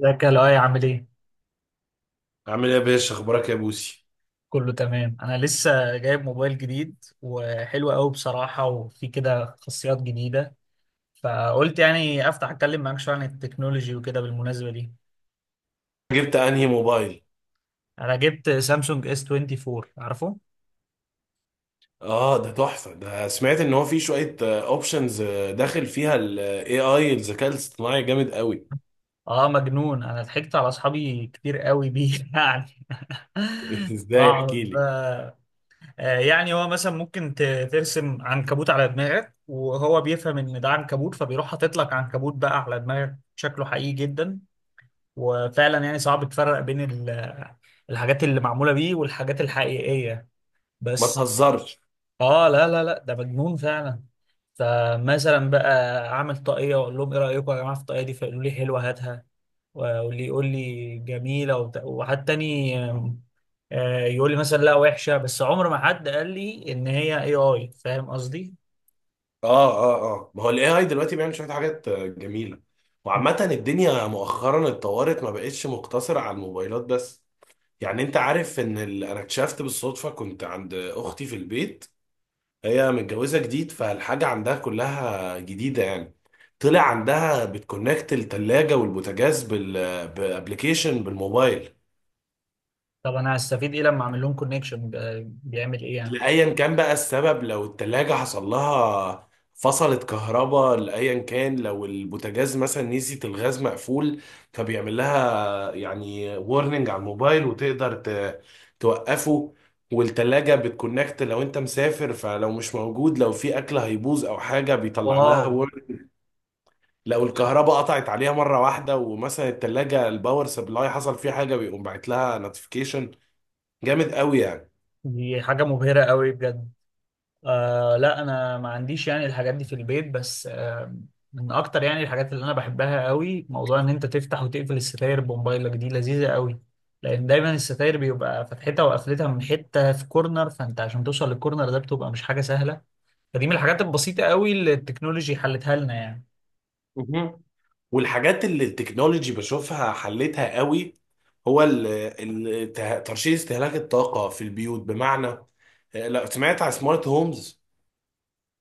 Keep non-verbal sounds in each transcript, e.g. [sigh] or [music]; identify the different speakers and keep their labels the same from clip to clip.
Speaker 1: ازيك يا لؤي، عامل ايه؟
Speaker 2: عامل ايه يا باشا؟ اخبارك يا بوسي؟
Speaker 1: كله تمام. انا لسه جايب موبايل جديد وحلو قوي بصراحة، وفي كده خاصيات جديدة، فقلت يعني افتح اتكلم معاك شوية عن التكنولوجي وكده بالمناسبة دي.
Speaker 2: جبت انهي موبايل؟
Speaker 1: انا جبت سامسونج اس 24، عارفه؟
Speaker 2: اه ده تحفه، ده سمعت ان هو في شويه اوبشنز داخل فيها الاي اي. الذكاء الاصطناعي جامد قوي.
Speaker 1: اه، مجنون. انا ضحكت على اصحابي كتير قوي بيه [laughs] يعني
Speaker 2: [laughs] ازاي؟ احكي
Speaker 1: بقعد
Speaker 2: لي.
Speaker 1: بقى- يعني هو مثلا ممكن ترسم عنكبوت على دماغك، وهو بيفهم ان ده عنكبوت، فبيروح حاطط لك عنكبوت بقى على دماغك شكله حقيقي جدا. وفعلا يعني صعب تفرق بين الحاجات اللي معمولة بيه والحاجات الحقيقية.
Speaker 2: ما
Speaker 1: بس
Speaker 2: تهزرش.
Speaker 1: اه، لا لا لا، ده مجنون فعلا. فمثلا بقى اعمل طاقية واقول لهم ايه رأيكم يا جماعة في الطاقية دي، فيقولوا لي حلوة هاتها، واللي يقول لي جميلة وحد تاني آم، آه، يقول لي مثلا لا، وحشة. بس عمر ما حد قال لي ان هي اي اي، فاهم قصدي؟
Speaker 2: اه اه اه. ما هو الاي اي دلوقتي بيعمل شويه حاجات جميله. وعامه الدنيا مؤخرا اتطورت، ما بقتش مقتصره على الموبايلات بس. يعني انت عارف ان انا اكتشفت بالصدفه كنت عند اختي في البيت. هي متجوزة جديد، فالحاجة عندها كلها جديدة يعني. طلع عندها بتكونكت التلاجة والبوتاجاز بأبليكيشن بالموبايل.
Speaker 1: طب انا هستفيد ايه لما اعمل لهم كونكشن؟ بيعمل ايه يعني؟
Speaker 2: لأيا كان بقى السبب، لو التلاجة حصل لها فصلت كهرباء، لأيا كان، لو البوتاجاز مثلا نسيت الغاز مقفول، فبيعمل لها يعني وورنينج على الموبايل، وتقدر توقفه. والتلاجة بتكونكت لو انت مسافر، فلو مش موجود لو في اكل هيبوظ او حاجة بيطلع
Speaker 1: واو.
Speaker 2: لها. لو الكهرباء قطعت عليها مرة واحدة، ومثلا التلاجة الباور سبلاي حصل فيها حاجة، بيقوم باعت لها نوتيفيكيشن. جامد قوي يعني.
Speaker 1: دي حاجة مبهرة قوي بجد. آه لا، انا ما عنديش يعني الحاجات دي في البيت، بس آه، من اكتر يعني الحاجات اللي انا بحبها قوي موضوع ان انت تفتح وتقفل الستاير بموبايلك. دي لذيذة قوي، لان دايما الستاير بيبقى فتحتها وقفلتها من حتة في كورنر، فانت عشان توصل للكورنر ده بتبقى مش حاجة سهلة. فدي من الحاجات البسيطة قوي اللي التكنولوجي حلتها لنا يعني.
Speaker 2: مهم. والحاجات اللي التكنولوجي بشوفها حلتها قوي، هو ترشيد استهلاك الطاقة في البيوت. بمعنى، لو سمعت على سمارت هومز.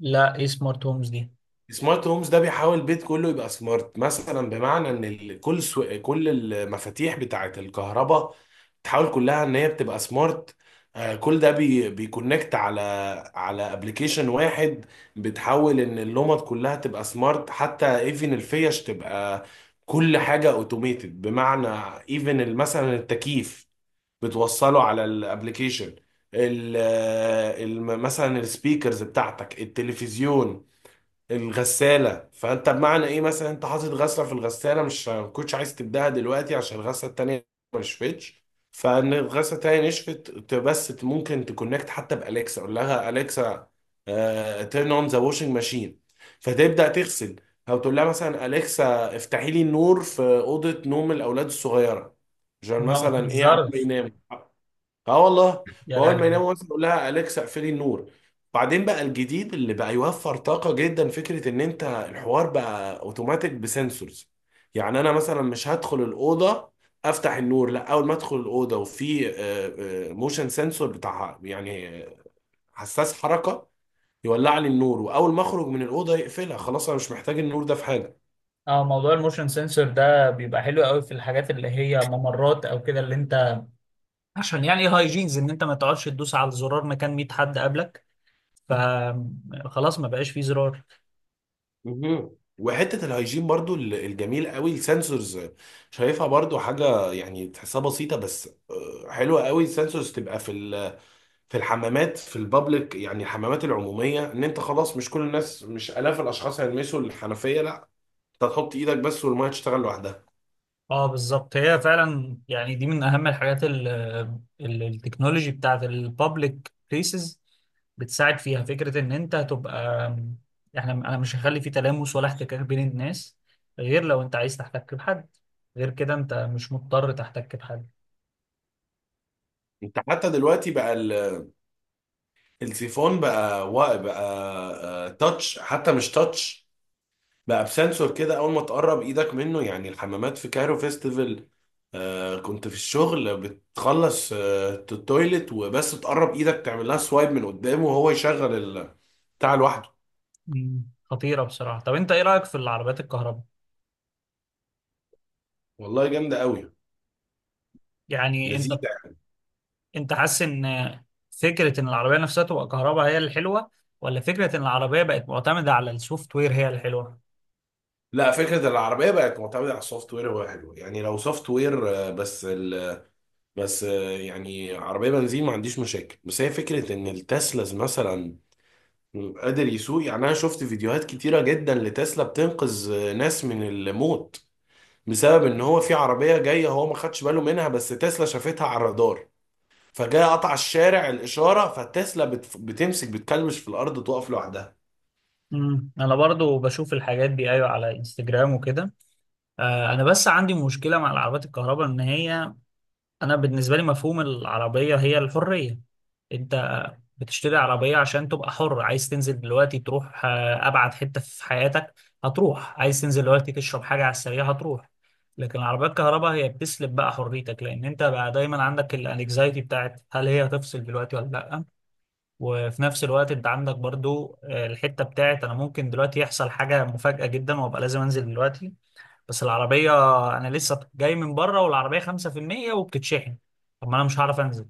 Speaker 1: لا، ايه سمارت هومز دي؟
Speaker 2: سمارت هومز ده بيحاول البيت كله يبقى سمارت. مثلا بمعنى ان كل كل المفاتيح بتاعه الكهرباء بتحاول كلها ان هي بتبقى سمارت. كل ده بيكونكت على على ابلكيشن واحد. بتحاول ان اللمض كلها تبقى سمارت، حتى ايفن الفيش تبقى، كل حاجة اوتوميتد. بمعنى، ايفن مثلا التكييف بتوصله على الابلكيشن. مثلا السبيكرز بتاعتك، التلفزيون، الغسالة. فانت بمعنى ايه، مثلا انت حاطط غسلة في الغسالة، مش ما كنتش عايز تبدأها دلوقتي عشان الغسلة التانية ما نشفتش، فان الغسلة التانية نشفت، ممكن تكونكت حتى بأليكسا، اقول لها أليكسا تيرن اون ذا واشنج ماشين، فتبدأ تغسل. او تقول لها مثلا أليكسا افتحي لي النور في أوضة نوم الأولاد الصغيرة عشان
Speaker 1: لا ما
Speaker 2: مثلا ايه عمال
Speaker 1: تهزرش.
Speaker 2: ينام. اه والله.
Speaker 1: يا
Speaker 2: واول ما
Speaker 1: لهوي.
Speaker 2: يناموا مثلا يقول لها اليكسا اقفلي النور. بعدين بقى الجديد اللي بقى يوفر طاقه جدا، فكره ان انت الحوار بقى اوتوماتيك بسنسورز. يعني انا مثلا مش هدخل الاوضه افتح النور، لا، اول ما ادخل الاوضه وفي موشن سنسور بتاع يعني حساس حركه، يولع لي النور، واول ما اخرج من الاوضه يقفلها. خلاص انا مش محتاج النور ده في حاجه.
Speaker 1: اه، موضوع الموشن سensor ده بيبقى حلو قوي في الحاجات اللي هي ممرات او كده، اللي انت عشان يعني هايجينز، ان انت ما تقعدش تدوس على الزرار مكان 100 حد قبلك، فخلاص ما بقاش فيه زرار.
Speaker 2: مهم. وحته الهيجين برضو، الجميل قوي السنسورز، شايفها برضو حاجه يعني تحسها بسيطه بس حلوه قوي. السنسورز تبقى في في الحمامات، في البابليك يعني الحمامات العموميه، ان انت خلاص مش كل الناس، مش الاف الاشخاص هيلمسوا الحنفيه، لا، انت تحط ايدك بس والميه تشتغل لوحدها.
Speaker 1: اه بالظبط، هي فعلا يعني دي من اهم الحاجات، التكنولوجي بتاعت البابليك بليسز بتساعد فيها. فكرة ان انت هتبقى، احنا، انا مش هخلي في تلامس ولا احتكاك بين الناس، غير لو انت عايز تحتك بحد. غير كده انت مش مضطر تحتك بحد.
Speaker 2: انت حتى دلوقتي بقى السيفون بقى بقى تاتش، حتى مش تاتش، بقى بسنسور كده اول ما تقرب ايدك منه. يعني الحمامات في كايرو فيستيفال آه، كنت في الشغل بتخلص آه التويلت، وبس تقرب ايدك تعمل لها سوايب من قدامه وهو يشغل بتاع لوحده.
Speaker 1: مم. خطيرة بصراحة. طب انت ايه رأيك في العربيات الكهرباء؟
Speaker 2: والله جامده قوي.
Speaker 1: يعني انت
Speaker 2: لذيذه يعني.
Speaker 1: انت حاسس ان فكره ان العربيه نفسها تبقى كهرباء هي الحلوه، ولا فكره ان العربيه بقت معتمده على السوفت وير هي الحلوه؟
Speaker 2: لا، فكره العربيه بقت معتمده على السوفت وير هو حلو يعني، لو سوفت وير آه، بس ال... بس آه، يعني عربيه بنزين ما عنديش مشاكل. بس هي فكره ان التسلاز مثلا قادر يسوق. يعني انا شفت فيديوهات كتيره جدا لتسلا بتنقذ ناس من الموت، بسبب ان هو في عربيه جايه هو ما خدش باله منها، بس تسلا شافتها على الرادار، فجاء قطع الشارع الاشاره، فتسلا بتمسك بتكلبش في الارض تقف لوحدها.
Speaker 1: امم، انا برضو بشوف الحاجات دي، ايوه، على انستجرام وكده. آه، انا بس عندي مشكله مع العربيات الكهرباء، ان هي، انا بالنسبه لي مفهوم العربيه هي الحريه. انت بتشتري عربية عشان تبقى حر. عايز تنزل دلوقتي تروح أبعد حتة في حياتك، هتروح. عايز تنزل دلوقتي تشرب حاجة على السريع، هتروح. لكن العربية الكهرباء هي بتسلب بقى حريتك، لأن أنت بقى دايما عندك الانكزايتي بتاعت هل هي هتفصل دلوقتي ولا لأ. وفي نفس الوقت أنت عندك برضو الحتة بتاعت أنا ممكن دلوقتي يحصل حاجة مفاجأة جدا وأبقى لازم أنزل دلوقتي. بس العربية أنا لسه جاي من بره والعربية 5% وبتتشحن. طب ما أنا مش هعرف أنزل.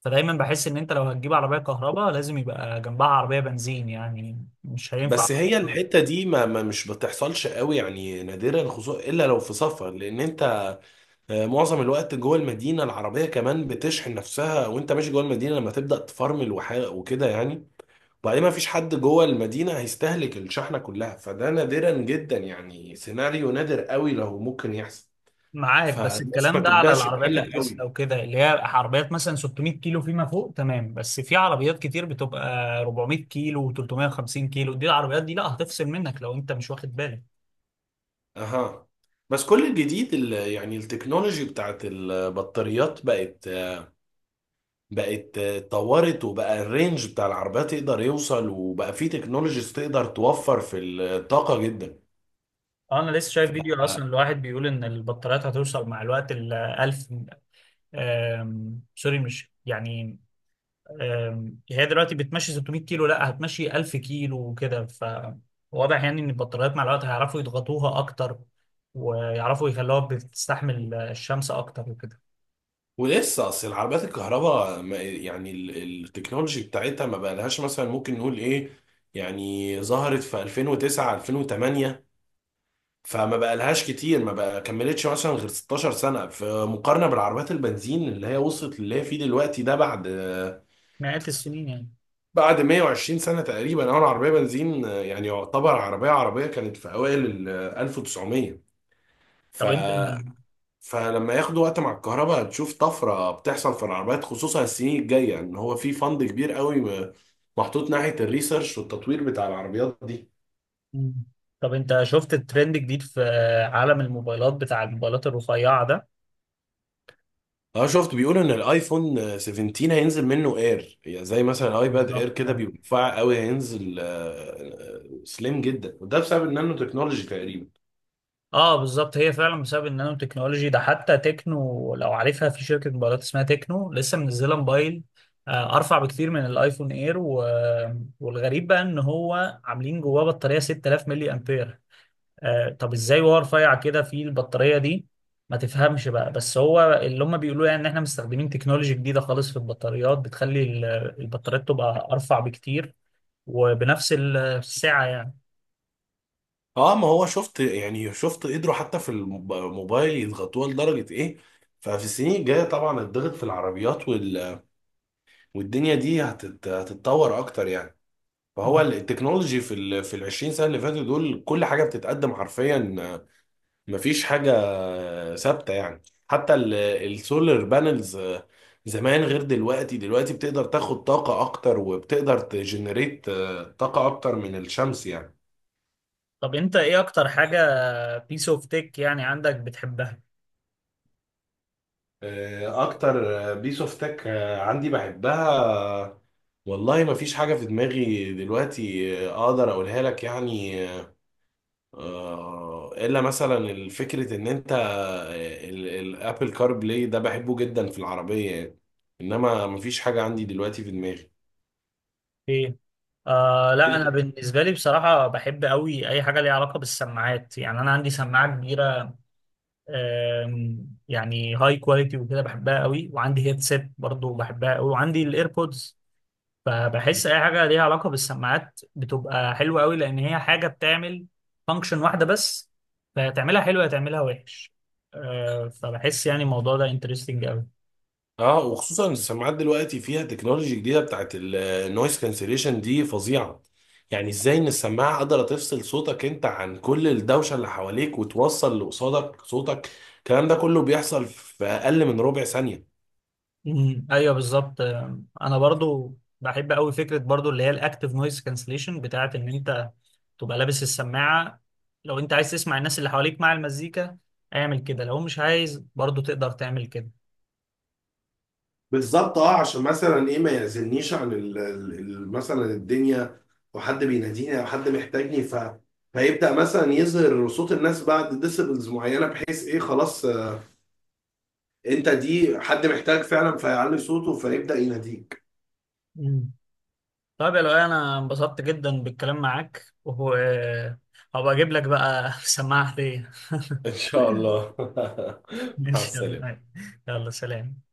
Speaker 1: فدايما بحس ان انت لو هتجيب عربيه كهرباء لازم يبقى جنبها عربيه بنزين، يعني مش هينفع.
Speaker 2: بس هي الحته دي ما مش بتحصلش قوي يعني، نادرا، خصوصا الا لو في سفر، لان انت معظم الوقت جوه المدينه، العربيه كمان بتشحن نفسها وانت ماشي جوه المدينه، لما تبدا تفرمل وكده يعني. وبعدين ما فيش حد جوه المدينه هيستهلك الشحنه كلها، فده نادرا جدا يعني، سيناريو نادر قوي لو ممكن يحصل،
Speaker 1: معاك، بس
Speaker 2: فالناس ما
Speaker 1: الكلام ده على
Speaker 2: تبداش
Speaker 1: العربيات
Speaker 2: تقلق
Speaker 1: التسلا
Speaker 2: قوي.
Speaker 1: وكده، اللي هي عربيات مثلا 600 كيلو فيما فوق، تمام. بس في عربيات كتير بتبقى 400 كيلو و350 كيلو. دي العربيات دي لا، هتفصل منك لو انت مش واخد بالك.
Speaker 2: اها. بس كل الجديد يعني التكنولوجي بتاعت البطاريات بقت اتطورت، وبقى الرينج بتاع العربيات يقدر يوصل، وبقى في تكنولوجيز تقدر توفر في الطاقة جدا.
Speaker 1: انا لسه
Speaker 2: ف...
Speaker 1: شايف فيديو اصلا الواحد بيقول ان البطاريات هتوصل مع الوقت ل 1000. سوري مش يعني، هي دلوقتي بتمشي 600 كيلو، لا هتمشي 1000 كيلو وكده. فواضح يعني ان البطاريات مع الوقت هيعرفوا يضغطوها اكتر، ويعرفوا يخلوها بتستحمل الشمس اكتر وكده.
Speaker 2: ولسه اصل العربيات الكهرباء يعني التكنولوجي بتاعتها ما بقالهاش، مثلا ممكن نقول ايه، يعني ظهرت في 2009 2008، فما بقالهاش كتير، ما بقى كملتش مثلا غير 16 سنة، في مقارنة بالعربيات البنزين اللي هي وصلت اللي هي فيه دلوقتي ده بعد
Speaker 1: مئات السنين يعني.
Speaker 2: 120 سنة تقريبا. أول عربية بنزين يعني يعتبر عربية كانت في أوائل ال 1900. ف
Speaker 1: طب انت
Speaker 2: فلما ياخدوا وقت مع الكهرباء، هتشوف طفرة بتحصل في العربيات خصوصا السنين الجاية، إن هو في فند كبير قوي محطوط ناحية الريسيرش والتطوير بتاع العربيات دي.
Speaker 1: مم. طب انت شفت الترند الجديد في عالم الموبايلات، بتاع الموبايلات الرفيعة ده؟
Speaker 2: اه، شفت بيقولوا ان الايفون 17 هينزل منه اير، يعني زي مثلا الايباد اير
Speaker 1: بالظبط.
Speaker 2: كده بيبقى رفيع قوي. هينزل سليم جدا، وده بسبب النانو تكنولوجي تقريبا.
Speaker 1: اه بالظبط، هي فعلا بسبب النانو تكنولوجي ده. حتى تكنو، لو عارفها، في شركة موبايلات اسمها تكنو لسه منزلة موبايل ارفع بكتير من الايفون اير و... والغريب بقى ان هو عاملين جواه بطارية 6000 ملي امبير. آه، طب ازاي وهو رفيع كده في البطارية دي؟ ما تفهمش بقى، بس هو اللي هم بيقولوا يعني ان احنا مستخدمين تكنولوجي جديدة خالص في البطاريات، بتخلي البطاريات تبقى ارفع بكتير وبنفس السعة.
Speaker 2: اه ما هو شفت، يعني شفت قدروا حتى في الموبايل يضغطوها لدرجة ايه. ففي السنين الجاية طبعا الضغط في العربيات والدنيا دي هتتطور اكتر يعني. فهو
Speaker 1: يعني،
Speaker 2: التكنولوجي في في ال 20 سنة اللي فاتوا دول كل حاجة بتتقدم حرفيا، مفيش حاجة ثابتة يعني. حتى السولار بانلز زمان غير دلوقتي، دلوقتي بتقدر تاخد طاقة أكتر، وبتقدر تجنريت طاقة أكتر من الشمس يعني.
Speaker 1: طب انت ايه اكتر حاجة بيس اوف تيك يعني عندك بتحبها؟
Speaker 2: أكتر بيس أوف تك عندي بحبها، آه، والله مفيش حاجة في دماغي دلوقتي أقدر أقولها لك يعني. إلا مثلا فكرة إن أنت الأبل كار بلاي ده بحبه جدا في العربية يعني. إنما مفيش حاجة عندي دلوقتي في دماغي.
Speaker 1: ايه. آه لا، انا
Speaker 2: انت.
Speaker 1: بالنسبة لي بصراحة بحب قوي اي حاجة ليها علاقة بالسماعات. يعني انا عندي سماعة كبيرة يعني هاي كواليتي وكده، بحبها قوي، وعندي هيدسيت برضو بحبها قوي، وعندي الايربودز. فبحس اي حاجة ليها علاقة بالسماعات بتبقى حلوة قوي، لان هي حاجة بتعمل فانكشن واحدة بس، فتعملها حلوة تعملها وحش. فبحس يعني الموضوع ده انترستنج قوي.
Speaker 2: اه وخصوصا السماعات دلوقتي فيها تكنولوجي جديده بتاعت النويز كانسليشن دي فظيعه. يعني ازاي ان السماعه قادره تفصل صوتك انت عن كل الدوشه اللي حواليك، وتوصل اللي قصادك صوتك، الكلام ده كله بيحصل في اقل من ربع ثانيه.
Speaker 1: مم. ايوه بالظبط. انا برضو بحب قوي فكره برضو اللي هي الاكتف نويز كانسليشن بتاعت ان انت تبقى لابس السماعه. لو انت عايز تسمع الناس اللي حواليك مع المزيكا اعمل كده، لو مش عايز برضو تقدر تعمل كده.
Speaker 2: بالظبط، اه عشان مثلا ايه ما يعزلنيش عن مثلا الدنيا، او حد بيناديني او حد محتاجني، فيبدا مثلا يظهر صوت الناس بعد ديسيبلز معينه، بحيث ايه خلاص، انت دي حد محتاج فعلا، فيعلي صوته فيبدأ يناديك.
Speaker 1: مم. طيب يا لؤي، انا انبسطت جدا بالكلام معاك. وهو هبقى اجيب لك بقى [laughs] سماعه هديه.
Speaker 2: ان شاء الله.
Speaker 1: [laughs]
Speaker 2: [laughs]
Speaker 1: ان
Speaker 2: مع
Speaker 1: شاء
Speaker 2: السلامه.
Speaker 1: الله. يلا سلام.